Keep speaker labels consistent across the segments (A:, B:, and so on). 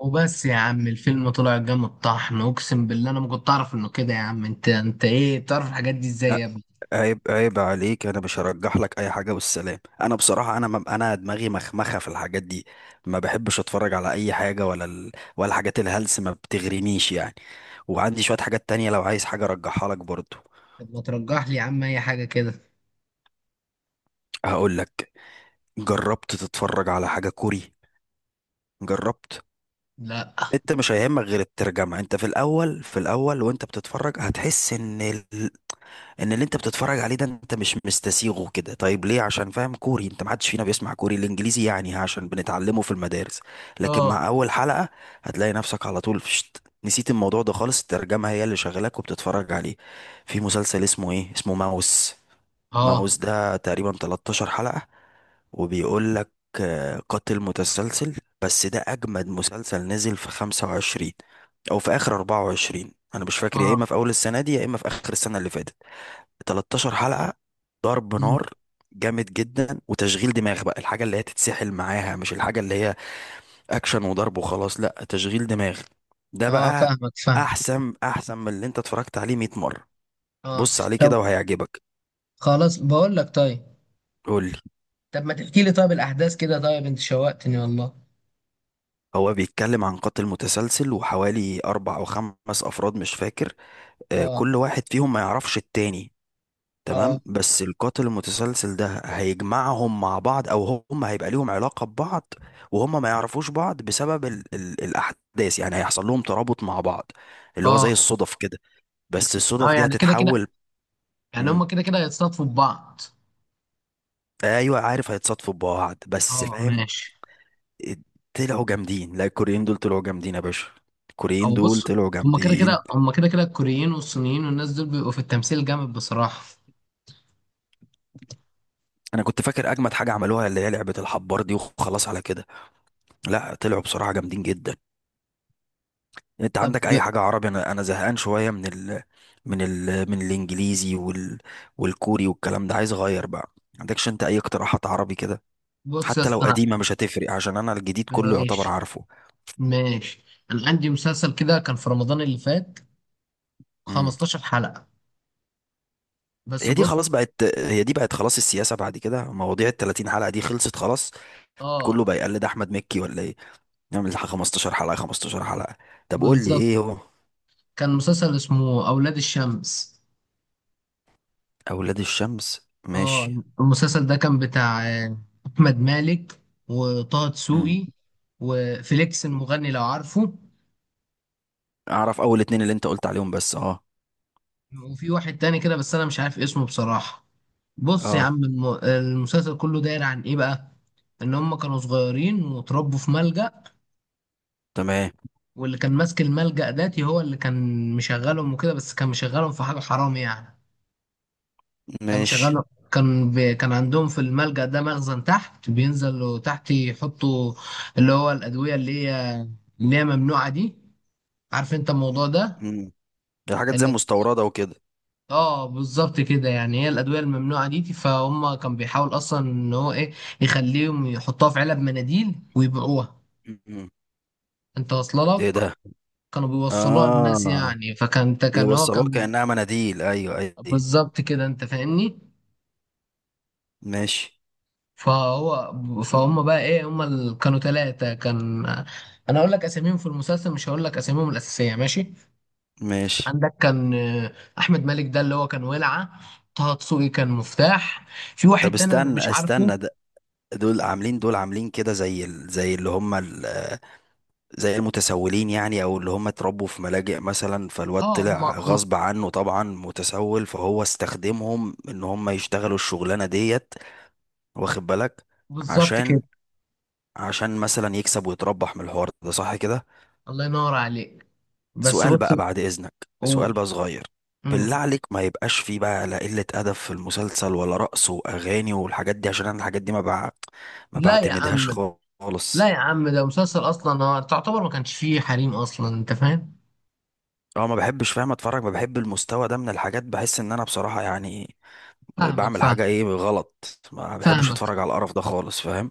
A: وبس يا عم الفيلم طلع جامد طحن، اقسم بالله انا ما كنت اعرف انه كده. يا عم انت ايه بتعرف الحاجات دي ازاي
B: ع-
A: يا ابني؟
B: عيب عيب عليك، انا مش هرجح لك اي حاجه والسلام. انا بصراحه انا دماغي مخمخه في الحاجات دي. ما بحبش اتفرج على اي حاجه ولا الحاجات الهلس ما بتغرينيش يعني. وعندي شويه حاجات تانية لو عايز حاجه ارجحها لك برضو.
A: طب ما ترجح لي يا عم اي حاجه كده.
B: هقول لك، جربت تتفرج على حاجه كوري؟ جربت؟
A: لا.
B: انت مش هيهمك غير الترجمه. انت في الاول في الاول وانت بتتفرج هتحس ان اللي انت بتتفرج عليه ده انت مش مستسيغه كده. طيب ليه؟ عشان فاهم كوري؟ انت ما حدش فينا بيسمع كوري. الانجليزي يعني عشان بنتعلمه في المدارس. لكن
A: اه.
B: مع اول حلقة هتلاقي نفسك على طول فشت، نسيت الموضوع ده خالص، الترجمة هي اللي شغلك وبتتفرج عليه. في مسلسل اسمه ايه، اسمه ماوس.
A: اه.
B: ماوس ده تقريبا 13 حلقة، وبيقول لك قاتل متسلسل. بس ده أجمد مسلسل نزل في 25، أو في آخر 24 أنا مش فاكر، يا
A: اه.
B: إما في أول السنة دي يا إما في آخر السنة اللي فاتت. 13 حلقة، ضرب
A: مم.
B: نار، جامد جدا وتشغيل دماغ بقى. الحاجة اللي هي تتسحل معاها، مش الحاجة اللي هي اكشن وضرب وخلاص، لا تشغيل دماغ. ده
A: اه،
B: بقى
A: فاهمك فاهم.
B: احسن احسن من اللي انت اتفرجت عليه 100 مرة.
A: اه.
B: بص عليه
A: طب
B: كده وهيعجبك.
A: خلاص، بقول لك طيب.
B: قولي.
A: طب ما تحكي لي طيب الاحداث كده، طيب انت شوقتني والله.
B: هو بيتكلم عن قاتل متسلسل وحوالي أربع أو خمس أفراد مش فاكر.
A: اه.
B: كل واحد فيهم ما يعرفش التاني، تمام.
A: اه.
B: بس القاتل المتسلسل ده هيجمعهم مع بعض، او هم هيبقى ليهم علاقة ببعض وهم ما يعرفوش بعض بسبب ال ال الاحداث. يعني هيحصل لهم ترابط مع بعض، اللي هو زي
A: اه.
B: الصدف كده. بس
A: اه
B: الصدف دي
A: يعني كده كده،
B: هتتحول.
A: يعني
B: مم.
A: هما كده كده هيتصادفوا ببعض.
B: ايوه عارف هيتصادفوا ببعض بس
A: اه
B: فاهم.
A: ماشي.
B: طلعوا جامدين، لا الكوريين دول طلعوا جامدين يا باشا. الكوريين
A: او بص،
B: دول طلعوا جامدين.
A: هما كده كده الكوريين والصينيين والناس دول بيبقوا في التمثيل جامد بصراحة.
B: انا كنت فاكر اجمد حاجة عملوها اللي هي لعبة الحبار دي وخلاص على كده، لا طلعوا بصراحة جامدين جدا. انت
A: طب
B: عندك اي حاجه عربي؟ انا زهقان شويه من الانجليزي وال والكوري والكلام ده، عايز اغير بقى. ما عندكش انت اي اقتراحات عربي كده؟
A: بص يا
B: حتى لو
A: اسطى انا.
B: قديمه مش هتفرق، عشان انا الجديد كله يعتبر
A: ماشي
B: عارفه.
A: ماشي، انا عندي مسلسل كده كان في رمضان اللي فات،
B: امم
A: 15 حلقة. بس
B: هي دي
A: بص.
B: خلاص بقت، هي دي بقت خلاص. السياسه بعد كده، مواضيع ال 30 حلقه دي خلصت خلاص. كله
A: اه
B: بقى يقلد احمد مكي ولا ايه؟ نعمل 15 حلقه 15 حلقه. طب قول لي
A: بالظبط.
B: ايه هو.
A: كان مسلسل اسمه اولاد الشمس.
B: اولاد الشمس،
A: اه،
B: ماشي.
A: المسلسل ده كان بتاع احمد مالك وطه
B: امم
A: دسوقي وفليكس المغني لو عارفه.
B: اعرف اول اتنين اللي انت قلت عليهم بس، اه.
A: وفي واحد تاني كده بس انا مش عارف اسمه بصراحة. بص يا
B: اه
A: عم المسلسل كله داير عن ايه بقى؟ ان هم كانوا صغيرين واتربوا في ملجأ،
B: تمام.
A: واللي كان ماسك الملجأ داتي هو اللي كان مشغلهم وكده، بس كان مشغلهم في حاجة حرام يعني. كان
B: ماشي.
A: مشغلهم، كان عندهم في الملجأ ده مخزن تحت، بينزلوا تحت يحطوا اللي هو الأدوية اللي هي اللي هي ممنوعة دي. عارف انت الموضوع ده.
B: مم. دي حاجات زي مستوردة وكده.
A: اه بالظبط كده، يعني هي الادويه الممنوعه دي. فهم كان بيحاول اصلا ان هو ايه، يخليهم يحطوها في علب مناديل ويبيعوها.
B: مم.
A: انت واصله
B: ايه
A: لك؟
B: ده؟
A: كانوا بيوصلوها للناس
B: اه
A: يعني، فكان كان هو
B: بيوصلوها
A: كان
B: كأنها مناديل، ايوه ايوه.
A: بالظبط كده، انت فاهمني.
B: ماشي.
A: فهو، فهم بقى ايه، كانوا ثلاثه. كان، انا هقول لك اساميهم في المسلسل، مش هقول لك اساميهم الاساسيه، ماشي.
B: ماشي.
A: عندك كان احمد مالك، ده اللي هو كان ولعه. طه دسوقي كان مفتاح. في
B: طب
A: واحد تاني انا
B: استنى
A: مش عارفه.
B: استنى ده. دول عاملين دول عاملين كده زي المتسولين، يعني او اللي هم اتربوا في ملاجئ مثلا، فالواد
A: اه
B: طلع
A: هم،
B: غصب عنه طبعا متسول فهو استخدمهم ان هم يشتغلوا الشغلانة ديت، واخد بالك؟
A: بالظبط
B: عشان
A: كده.
B: مثلا يكسب ويتربح من الحوار ده، صح كده؟
A: الله ينور عليك. بس
B: سؤال
A: بص،
B: بقى بعد إذنك.
A: و...
B: سؤال بقى صغير. بالله
A: مم.
B: عليك، ما يبقاش فيه بقى لا قلة أدب في المسلسل ولا رقص وأغاني والحاجات دي، عشان أنا الحاجات دي ما
A: لا يا
B: بعتمدهاش
A: عم. لا
B: خالص.
A: يا عم، ده مسلسل اصلا هو تعتبر ما كانش فيه حريم اصلا، انت فاهم.
B: اه ما بحبش فاهم اتفرج، ما بحب المستوى ده من الحاجات، بحس ان انا بصراحة يعني
A: فاهمك
B: بعمل
A: فاهم.
B: حاجة ايه غلط. ما بحبش
A: فاهمك
B: اتفرج على القرف ده خالص فاهم.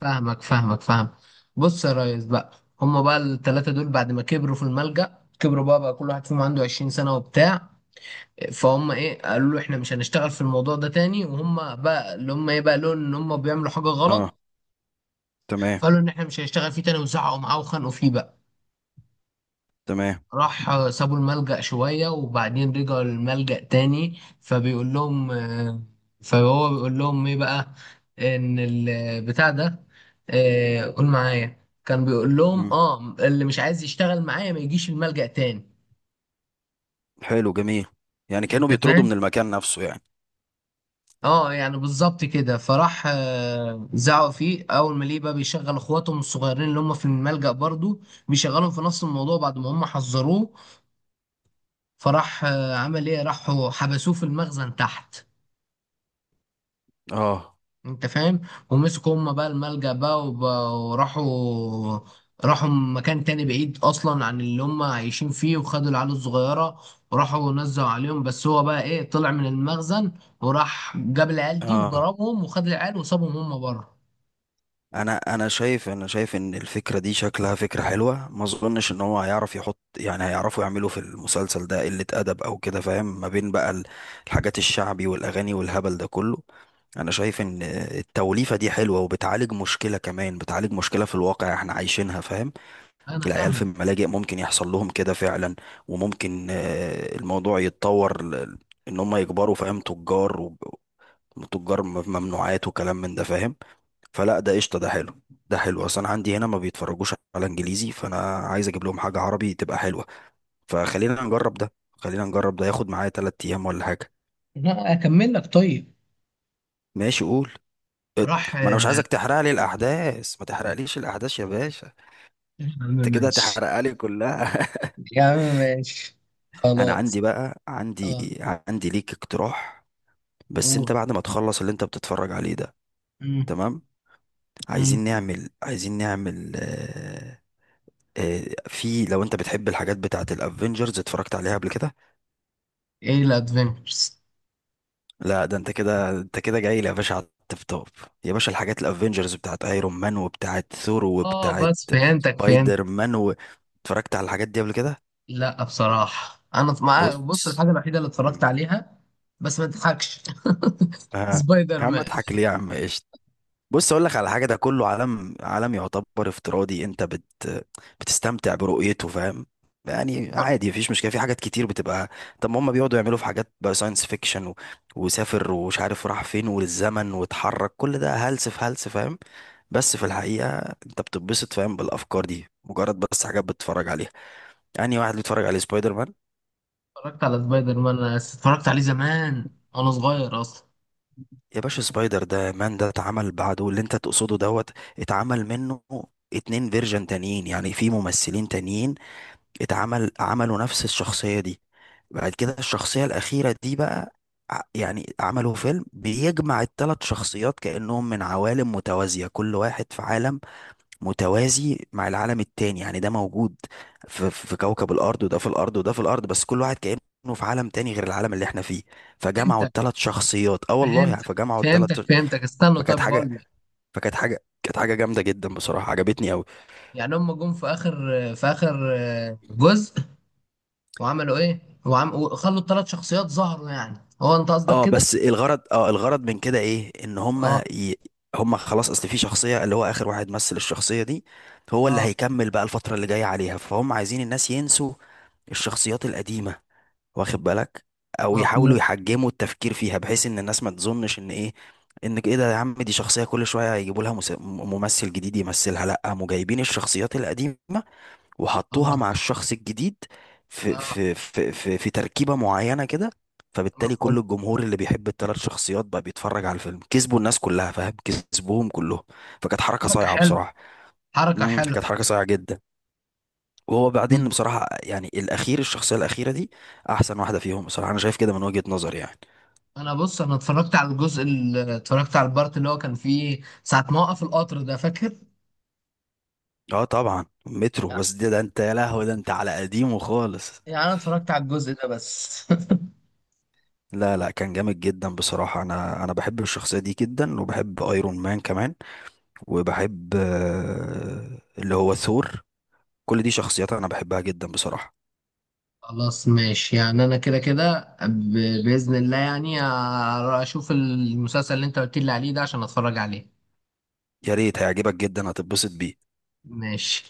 A: فاهمك فاهم. بص يا ريس بقى، هما بقى الثلاثه دول بعد ما كبروا في الملجأ، كبروا بقى، بقى كل واحد فيهم عنده 20 سنه وبتاع. فهم ايه، قالوا له احنا مش هنشتغل في الموضوع ده تاني، وهم بقى اللي هم ايه بقى لون ان هم بيعملوا حاجه
B: اه
A: غلط.
B: تمام.
A: فقالوا ان احنا مش هنشتغل فيه تاني، وزعقوا معاه وخانقوا فيه بقى.
B: تمام.
A: راح سابوا الملجأ شوية وبعدين رجعوا الملجأ تاني، فبيقول لهم فهو بيقول لهم ايه بقى، ان البتاع ده، قول معايا، كان بيقول لهم
B: مم.
A: اه اللي مش عايز يشتغل معايا ما يجيش الملجأ تاني.
B: حلو جميل. يعني كانوا
A: انت
B: بيطردوا
A: فاهم.
B: من المكان نفسه يعني.
A: اه يعني بالظبط كده، فراح زعقوا فيه اول ما ليه بقى بيشغل اخواتهم الصغيرين اللي هم في الملجأ برضو، بيشغلهم في نفس الموضوع بعد ما هم حذروه. فراح عمل ايه، راحوا حبسوه في المخزن تحت.
B: اه.
A: انت فاهم. ومسكوا هم بقى الملجأ بقى، وراحوا، راحوا مكان تاني بعيد اصلا عن اللي هم عايشين فيه، وخدوا العيال الصغيره وراحوا نزلوا عليهم. بس هو بقى ايه، طلع من المخزن وراح جاب العيال دي
B: اه
A: وضربهم وخد العيال وسابهم هم بره.
B: انا انا شايف انا شايف ان الفكره دي شكلها فكره حلوه. ما اظنش ان هو هيعرف يحط، يعني هيعرفوا يعملوا في المسلسل ده قله ادب او كده فاهم، ما بين بقى الحاجات الشعبي والاغاني والهبل ده كله. انا شايف ان التوليفه دي حلوه وبتعالج مشكله، كمان بتعالج مشكله في الواقع احنا عايشينها فاهم.
A: انا
B: العيال في
A: فاهم.
B: الملاجئ ممكن يحصل لهم كده فعلا. وممكن الموضوع يتطور ان هم يكبروا فاهم تجار، وتجار ممنوعات وكلام من ده فاهم. فلا ده قشطه، ده حلو. ده حلو، اصلا عندي هنا ما بيتفرجوش على انجليزي فانا عايز اجيب لهم حاجه عربي تبقى حلوه. فخلينا نجرب ده، خلينا نجرب ده ياخد معايا تلات ايام ولا حاجه.
A: لا اكمل لك طيب.
B: ماشي قول. ات-
A: راح.
B: ما انا مش
A: يا
B: عايزك تحرق لي الاحداث، ما تحرقليش الاحداث يا باشا.
A: عم
B: انت كده
A: ماشي.
B: هتحرقها لي كلها.
A: يا عم ماشي.
B: انا عندي
A: خلاص.
B: بقى عندي
A: اه.
B: عندي ليك اقتراح. بس
A: قول.
B: انت بعد ما تخلص اللي انت بتتفرج عليه ده،
A: مم.
B: تمام.
A: مم.
B: عايزين نعمل في، لو انت بتحب الحاجات بتاعت الافينجرز، اتفرجت عليها قبل كده؟
A: ايه الادفنتشرز؟
B: لا، ده انت كده، جاي لي يا باشا على التوب توب. يا باشا الحاجات الافنجرز بتاعت ايرون مان وبتاعت ثور
A: اه
B: وبتاعت
A: بس فهمتك فهمت.
B: سبايدر مان اتفرجت على الحاجات دي قبل كده؟
A: لا بصراحة أنا مع، بص،
B: بص.
A: الحاجة الوحيدة اللي اتفرجت
B: مم.
A: عليها، بس ما تضحكش،
B: آه.
A: سبايدر
B: يا عم
A: مان.
B: اضحك ليه يا عم، ايش؟ بص اقول لك على حاجه، ده كله عالم، عالم يعتبر افتراضي، انت بت بتستمتع برؤيته فاهم. يعني عادي مفيش مشكله، في حاجات كتير بتبقى. طب ما هم بيقعدوا يعملوا في حاجات بقى ساينس فيكشن وسافر ومش عارف راح فين والزمن واتحرك، كل ده هلس في هلس فاهم، بس في الحقيقه انت بتتبسط فاهم بالافكار دي، مجرد بس حاجات بتتفرج عليها. يعني واحد بيتفرج على سبايدر مان.
A: اتفرجت على سبايدر مان، أنا اتفرجت عليه زمان وأنا صغير أصلا.
B: يا باشا سبايدر ده مان ده اتعمل بعده اللي انت تقصده دوت، اتعمل منه اتنين فيرجن تانيين يعني في ممثلين تانيين اتعمل، عملوا نفس الشخصية دي. بعد كده الشخصية الأخيرة دي بقى يعني عملوا فيلم بيجمع الثلاث شخصيات كأنهم من عوالم متوازية، كل واحد في عالم متوازي مع العالم التاني يعني. ده موجود في كوكب الأرض، وده في الأرض، وده في الأرض، بس كل واحد كأنه في عالم تاني غير العالم اللي احنا فيه. فجمعوا
A: فهمتك
B: الثلاث شخصيات، اه والله يعني
A: فهمتك
B: فجمعوا الثلاث،
A: فهمتك، فهمتك استنى،
B: فكانت
A: طب
B: حاجة
A: بقول لك.
B: فكانت حاجة كانت حاجة جامدة جدا بصراحة عجبتني أوي.
A: يعني هم جم في آخر، جزء، وعملوا إيه؟ وخلوا الثلاث شخصيات ظهروا، يعني هو أنت قصدك
B: اه
A: كده؟
B: بس الغرض من كده ايه؟ ان
A: أه.
B: هما خلاص، اصل في شخصية اللي هو اخر واحد مثل الشخصية دي، هو اللي
A: أه.
B: هيكمل بقى الفترة اللي جاية عليها. فهم عايزين الناس ينسوا الشخصيات القديمة، واخد بالك؟ او يحاولوا
A: مفهوم.
B: يحجموا التفكير فيها بحيث ان الناس ما تظنش ان ايه ده يا عم، دي شخصية كل شوية هيجيبوا لها ممثل جديد يمثلها. لا، قاموا جايبين الشخصيات القديمة وحطوها
A: أه.
B: مع الشخص الجديد
A: أه.
B: في تركيبة معينة كده. فبالتالي
A: مفهوم.
B: كل الجمهور اللي بيحب الثلاث شخصيات بقى بيتفرج على الفيلم. كسبوا الناس كلها فاهم، كسبوهم كلهم. فكانت حركة
A: حركة
B: صايعة
A: حلوة.
B: بصراحة.
A: حركة حلوة.
B: كانت حركة صايعة جدا. وهو بعدين بصراحة يعني الأخير، الشخصية الأخيرة دي أحسن واحدة فيهم بصراحة، أنا شايف كده من وجهة نظري يعني.
A: انا بص، انا اتفرجت على الجزء اللي اتفرجت على البارت اللي هو كان فيه ساعة ما وقف القطر، ده فاكر؟
B: أه طبعا مترو، بس ده أنت يا لهوي، ده أنت على قديمه خالص.
A: يعني انا اتفرجت على الجزء ده بس.
B: لا لا كان جامد جدا بصراحة. أنا بحب الشخصية دي جدا وبحب أيرون مان كمان، وبحب اللي هو ثور. كل دي شخصيات انا بحبها جدا بصراحة.
A: خلاص ماشي، يعني انا كده كده باذن الله يعني اشوف المسلسل اللي انت قلت لي عليه ده عشان اتفرج عليه.
B: يا ريت هيعجبك جدا هتتبسط بيه.
A: ماشي.